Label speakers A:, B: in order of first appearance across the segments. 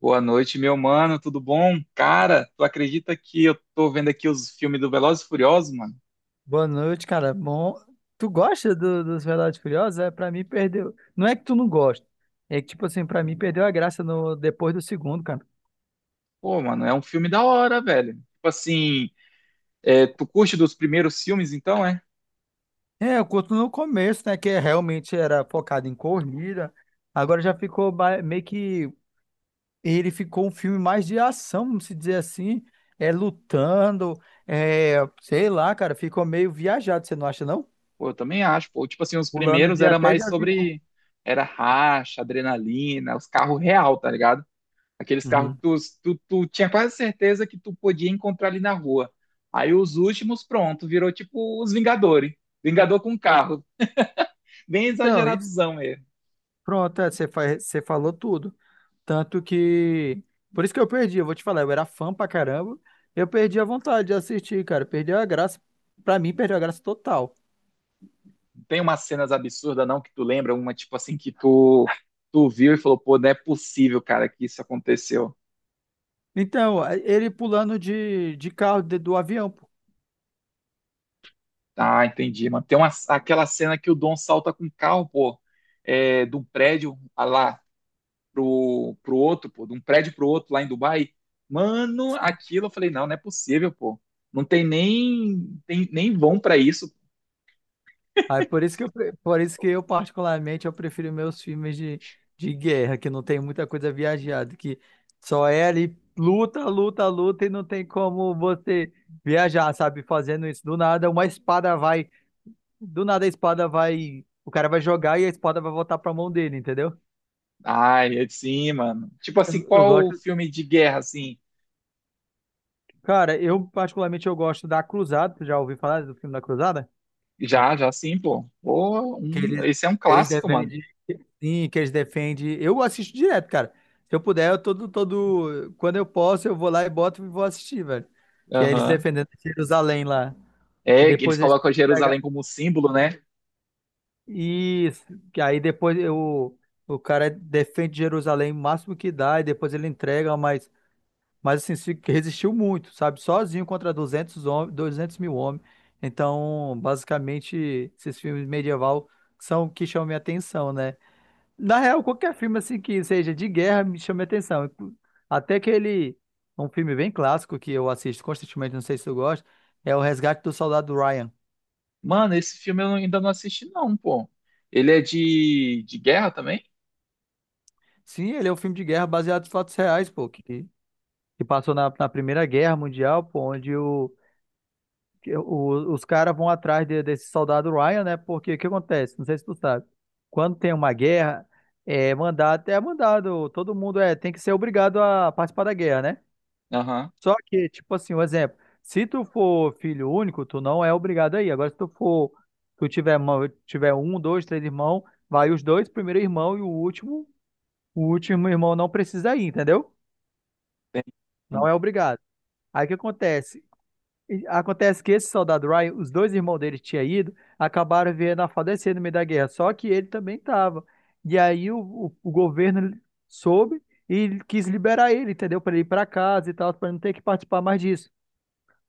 A: Boa noite, meu mano, tudo bom? Cara, tu acredita que eu tô vendo aqui os filmes do Velozes e Furiosos, mano?
B: Boa noite, cara. Bom, tu gosta dos Velozes e Furiosos? É, pra mim perdeu. Não é que tu não gosta. É que, tipo assim, pra mim perdeu a graça no depois do segundo, cara.
A: Pô, mano, é um filme da hora, velho. Tipo assim, é, tu curte dos primeiros filmes, então, é?
B: É, eu curto no começo, né? Que realmente era focado em corrida. Agora já ficou meio que. Ele ficou um filme mais de ação, vamos se dizer assim. É lutando. É, sei lá, cara. Ficou meio viajado, você não acha, não?
A: Pô, eu também acho, pô. Tipo assim, os
B: Pulando
A: primeiros
B: de
A: era
B: até de
A: mais
B: avião.
A: sobre... Era racha, adrenalina, os carros real, tá ligado? Aqueles carros que
B: Uhum.
A: tu tinha quase certeza que tu podia encontrar ali na rua. Aí os últimos, pronto, virou tipo os Vingadores. Vingador com carro. Bem
B: Então, isso.
A: exageradozão mesmo.
B: Pronto, é, você falou tudo. Tanto que. Por isso que eu perdi, eu vou te falar, eu era fã pra caramba. Eu perdi a vontade de assistir, cara. Perdeu a graça. Pra mim, perdeu a graça total.
A: Tem umas cenas absurdas, não, que tu lembra? Uma, tipo assim, que tu viu e falou, pô, não é possível, cara, que isso aconteceu.
B: Então, ele pulando de carro do avião, pô.
A: Ah, entendi, mano. Tem uma, aquela cena que o Dom salta com o carro, pô, é, de um prédio ah lá pro outro, pô, de um prédio pro outro lá em Dubai. Mano,
B: Sim.
A: aquilo eu falei, não, não é possível, pô. Não tem nem, tem, nem vão pra isso.
B: Aí por isso que eu, por isso que eu, particularmente, eu prefiro meus filmes de guerra, que não tem muita coisa viajada, que só é ali luta, luta, luta, e não tem como você viajar, sabe? Fazendo isso do nada, uma espada vai. Do nada a espada vai. O cara vai jogar e a espada vai voltar pra mão dele, entendeu?
A: Ai, é sim, mano. Tipo
B: Eu,
A: assim,
B: eu
A: qual
B: gosto.
A: filme de guerra, assim?
B: Cara, eu particularmente eu gosto da Cruzada. Tu já ouviu falar do filme da Cruzada?
A: Já, já sim, pô. Pô,
B: Que eles,
A: esse é um
B: eles
A: clássico, mano.
B: defendem. Sim, que eles defendem. Eu assisto direto, cara. Se eu puder, eu todo, todo. Quando eu posso, eu vou lá e boto e vou assistir, velho. Que é eles
A: Aham.
B: defendendo Jerusalém lá. E
A: É, que eles
B: depois eles têm
A: colocam
B: que pegar.
A: Jerusalém como símbolo, né?
B: Isso. Que aí depois eu, o cara defende Jerusalém o máximo que dá, e depois ele entrega, mas. Mas assim, resistiu muito, sabe? Sozinho contra 200 homens, 200 mil homens. Então, basicamente, esses filmes medieval são o que chamam minha atenção, né? Na real, qualquer filme assim que seja de guerra me chama minha atenção. Inclu- Até aquele, um filme bem clássico que eu assisto constantemente, não sei se tu gosta, é O Resgate do Soldado Ryan.
A: Mano, esse filme eu ainda não assisti, não, pô. Ele é de guerra também?
B: Sim, ele é um filme de guerra baseado em fatos reais, pô, que passou na Primeira Guerra Mundial, pô, onde os caras vão atrás desse soldado Ryan, né? Porque o que acontece? Não sei se tu sabe. Quando tem uma guerra, é mandado, todo mundo é, tem que ser obrigado a participar da guerra, né?
A: Aham.
B: Só que, tipo assim, um exemplo, se tu for filho único, tu não é obrigado aí. Agora, se tu for, tu tiver, tiver um, dois, três irmãos, vai os dois, primeiro irmão e o último irmão não precisa ir, entendeu?
A: Tem.
B: Não é obrigado. Aí o que acontece? E acontece que esse soldado Ryan, os dois irmãos dele tinham ido, acabaram vendo a falecer no meio da guerra, só que ele também estava. E aí o governo soube e quis liberar ele, entendeu? Para ele ir para casa e tal, para não ter que participar mais disso,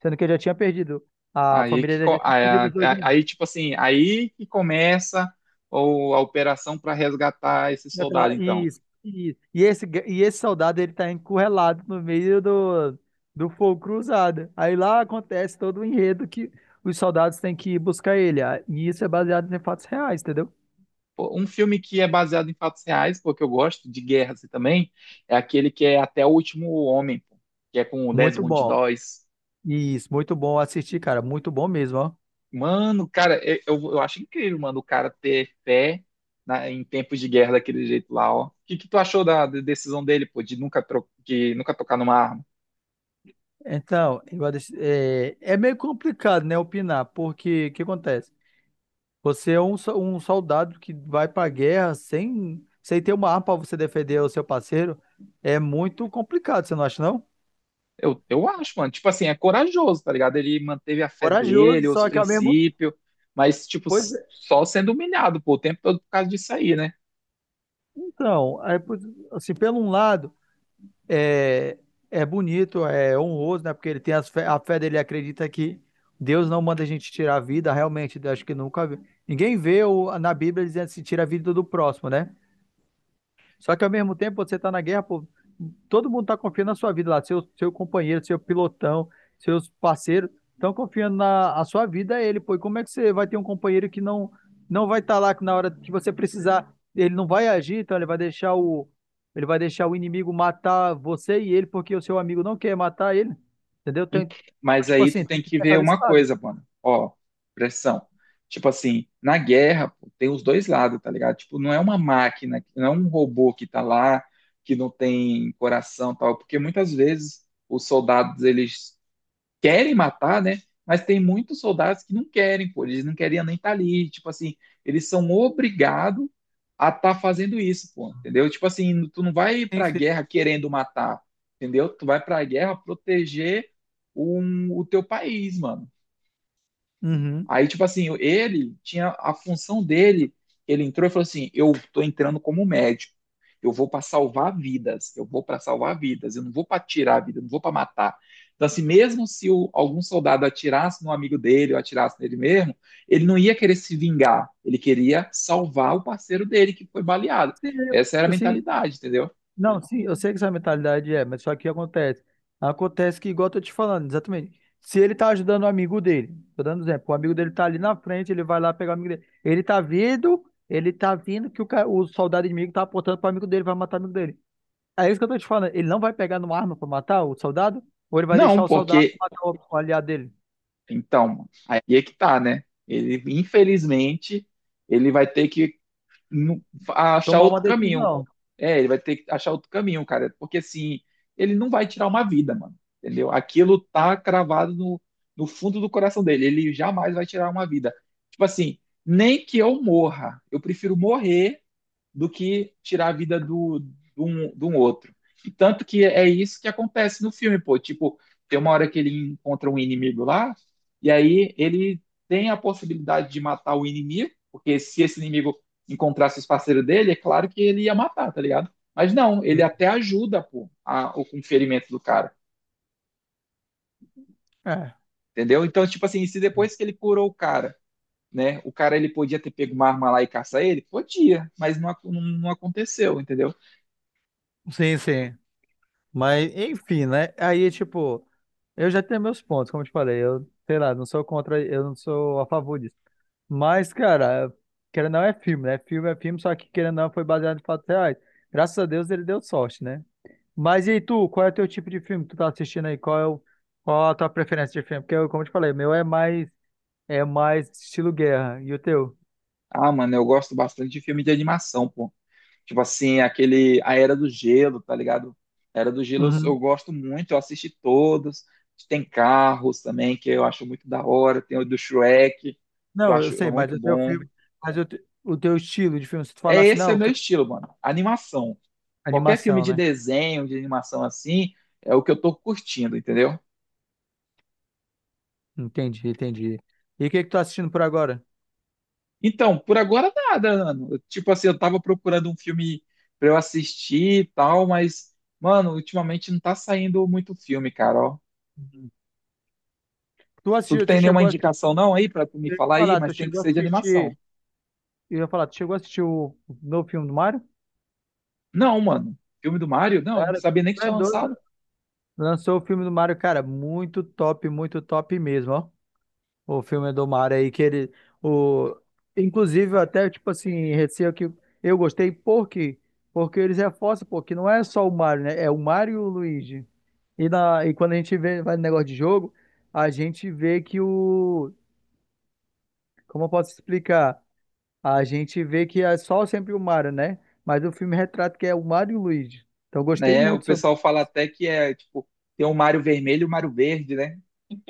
B: sendo que ele já tinha perdido, a
A: Aí
B: família
A: que
B: dele
A: co-
B: já tinha
A: aí,
B: perdido
A: a-
B: os dois irmãos.
A: aí, tipo assim, aí que começa a operação para resgatar esse
B: Já
A: soldado,
B: tá-
A: então.
B: isso, isso. E esse soldado ele tá encurralado no meio do, do fogo cruzado. Aí lá acontece todo o enredo que os soldados têm que ir buscar ele. Ah, e isso é baseado em fatos reais, entendeu?
A: Pô, um filme que é baseado em fatos reais, porque eu gosto de guerra assim, também, é aquele que é Até o Último Homem, pô, que é com o
B: Muito
A: Desmond
B: bom.
A: Doss.
B: Isso, muito bom assistir, cara. Muito bom mesmo, ó.
A: Mano, cara, eu acho incrível, mano, o cara ter fé em tempos de guerra daquele jeito lá, ó. O que, que tu achou da, da decisão dele, pô, de nunca, de nunca tocar numa arma?
B: Então, é, é meio complicado, né, opinar, porque o que acontece? Você é um, um soldado que vai pra guerra sem, sem ter uma arma pra você defender o seu parceiro. É muito complicado, você não acha, não?
A: Eu acho, mano, tipo assim, é corajoso, tá ligado? Ele manteve a fé
B: Corajoso,
A: dele, os
B: só que ao mesmo.
A: princípios, mas, tipo,
B: Pois é,
A: só sendo humilhado, pô, o tempo todo por causa disso aí, né?
B: então, aí, pois, assim, pelo um lado, é, é bonito, é honroso, né? Porque ele tem a fé dele, acredita que Deus não manda a gente tirar a vida, realmente, eu acho que nunca vi. Ninguém vê na Bíblia dizendo se tira a vida do próximo, né? Só que ao mesmo tempo você está na guerra, pô, todo mundo está confiando na sua vida lá, seu companheiro, seu pilotão, seus parceiros estão confiando na a sua vida a ele, pô. E como é que você vai ter um companheiro que não vai estar lá que na hora que você precisar, ele não vai agir, então ele vai deixar o inimigo matar você e ele porque o seu amigo não quer matar ele, entendeu? Tem,
A: Ent-
B: então,
A: Mas
B: tipo
A: aí tu
B: assim, tem
A: tem
B: que
A: que ver
B: pensar desse
A: uma
B: lado.
A: coisa, mano. Ó, pressão. Tipo assim, na guerra, pô, tem os dois lados, tá ligado? Tipo, não é uma máquina, não é um robô que tá lá, que não tem coração, e tal, porque muitas vezes os soldados, eles querem matar, né? Mas tem muitos soldados que não querem, pô, eles não queriam nem estar ali. Tipo assim, eles são obrigados a estar fazendo isso, pô, entendeu? Tipo assim, tu não vai
B: Sim,
A: pra
B: sim.
A: guerra querendo matar, entendeu? Tu vai pra guerra proteger um, o teu país, mano.
B: Uhum.
A: Aí, tipo assim, ele tinha a função dele. Ele entrou e falou assim: eu tô entrando como médico. Eu vou para salvar vidas. Eu vou para salvar vidas. Eu não vou para tirar a vida. Eu não vou para matar. Então, assim, mesmo se algum soldado atirasse no amigo dele ou atirasse nele mesmo, ele não ia querer se vingar. Ele queria salvar o parceiro dele que foi baleado.
B: Sim,
A: Essa era a
B: eu- sim,
A: mentalidade, entendeu?
B: não, sim, eu sei que essa mentalidade é, mas só que acontece. Acontece que, igual eu tô te falando, exatamente. Se ele tá ajudando o amigo dele, tô dando um exemplo, o amigo dele tá ali na frente, ele vai lá pegar o amigo dele. Ele tá vindo que o soldado inimigo tá apontando pro amigo dele, vai matar o amigo dele. É isso que eu tô te falando. Ele não vai pegar numa arma pra matar o soldado? Ou ele vai
A: Não,
B: deixar o soldado
A: porque,
B: matar o aliado dele?
A: então, aí é que tá, né? Ele, infelizmente, ele vai ter que não- a achar
B: Tomar
A: outro
B: uma
A: caminho.
B: decisão.
A: É, ele vai ter que achar outro caminho, cara, porque assim, ele não vai tirar uma vida, mano, entendeu? Aquilo tá cravado no, no fundo do coração dele, ele jamais vai tirar uma vida. Tipo assim, nem que eu morra, eu prefiro morrer do que tirar a vida do, do um outro. E tanto que é isso que acontece no filme, pô. Tipo, tem uma hora que ele encontra um inimigo lá, e aí ele tem a possibilidade de matar o inimigo, porque se esse inimigo encontrasse os parceiros dele, é claro que ele ia matar, tá ligado? Mas não, ele até ajuda, pô, a, o, ferimento do cara,
B: É.
A: entendeu? Então, tipo assim, se depois que ele curou o cara, né, o cara ele podia ter pego uma arma lá e caçar ele? Podia, mas não, não, não aconteceu, entendeu?
B: Sim, sim. Mas, enfim, né? Aí, tipo, eu já tenho meus pontos, como eu te falei. Eu, sei lá, não sou contra, eu não sou a favor disso. Mas, cara, querendo ou não é filme, né? Filme é filme, só que querendo ou não foi baseado em fatos reais. Graças a Deus ele deu sorte, né? Mas e aí, tu, qual é o teu tipo de filme que tu tá assistindo aí? Qual é o, qual a tua preferência de filme? Porque, eu, como eu te falei, o meu é mais estilo guerra. E o teu?
A: Ah, mano, eu gosto bastante de filme de animação, pô. Tipo assim, aquele A Era do Gelo, tá ligado? A Era do Gelo eu
B: Uhum.
A: gosto muito, eu assisti todos. Tem Carros também, que eu acho muito da hora. Tem o do Shrek, que eu
B: Não, eu
A: acho é
B: sei, mas
A: muito
B: o teu
A: bom.
B: filme, mas o teu estilo de filme, se tu
A: É
B: falasse,
A: esse é
B: não,
A: o
B: eu
A: meu
B: quero
A: estilo, mano. Animação. Qualquer filme
B: animação,
A: de
B: né?
A: desenho, de animação assim, é o que eu tô curtindo, entendeu?
B: Entendi, entendi. E o que que tu tá assistindo por agora?
A: Então, por agora nada, mano. Tipo assim, eu tava procurando um filme pra eu assistir e tal, mas, mano, ultimamente não tá saindo muito filme, cara, ó. Tu
B: Tu
A: tem nenhuma
B: chegou a assistir,
A: indicação não aí pra tu me
B: eu ia
A: falar aí,
B: falar,
A: mas
B: tu
A: tem que
B: chegou a
A: ser de animação.
B: assistir, eu ia falar, tu chegou a assistir o novo filme do Mario?
A: Não, mano. Filme do Mario? Não,
B: Cara,
A: sabia nem que
B: tu é
A: tinha
B: doido.
A: lançado.
B: Lançou o filme do Mario, cara, muito top mesmo, ó. O filme do Mario aí, que ele, o, inclusive eu até, tipo assim, receio que eu gostei, por quê? Porque eles reforçam, porque não é só o Mario, né? É o Mario e o Luigi. E quando a gente vê, vai no negócio de jogo, a gente vê que o como eu posso explicar? A gente vê que é só sempre o Mario, né? Mas o filme retrata que é o Mario e o Luigi. Então eu gostei
A: Né? O
B: muito sobre.
A: pessoal fala até que é, tipo, tem o Mario vermelho e o Mario verde, né?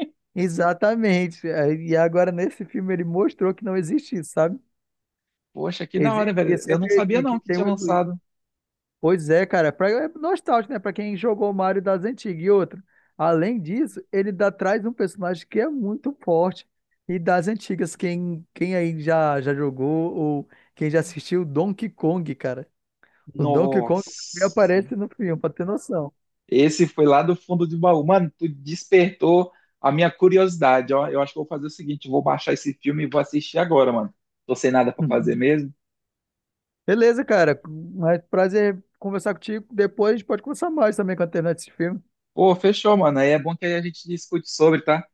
B: Exatamente. É, e agora nesse filme ele mostrou que não existe isso, sabe?
A: Poxa, que da hora,
B: Existe que é
A: velho. Eu não
B: sempre
A: sabia não
B: que
A: que
B: tem o
A: tinha
B: Luigi.
A: lançado.
B: Pois é, cara. Pra, é nostálgico, né? Pra quem jogou o Mario das antigas e outro. Além disso, ele dá, traz um personagem que é muito forte. E das antigas, quem, quem aí já, já jogou ou quem já assistiu Donkey Kong, cara. O Donkey Kong também
A: Nossa.
B: aparece no filme, pra ter noção.
A: Esse foi lá do fundo de baú. Mano, tu despertou a minha curiosidade. Ó, eu acho que eu vou fazer o seguinte: vou baixar esse filme e vou assistir agora, mano. Tô sem nada pra fazer mesmo.
B: Beleza, cara. Mas prazer conversar contigo. Depois a gente pode conversar mais também com a internet desse filme.
A: Pô, fechou, mano. Aí é bom que aí a gente discute sobre, tá?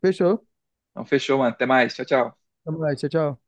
B: Fechou?
A: Então, fechou, mano. Até mais. Tchau, tchau.
B: Tamo mais. Tchau, tchau.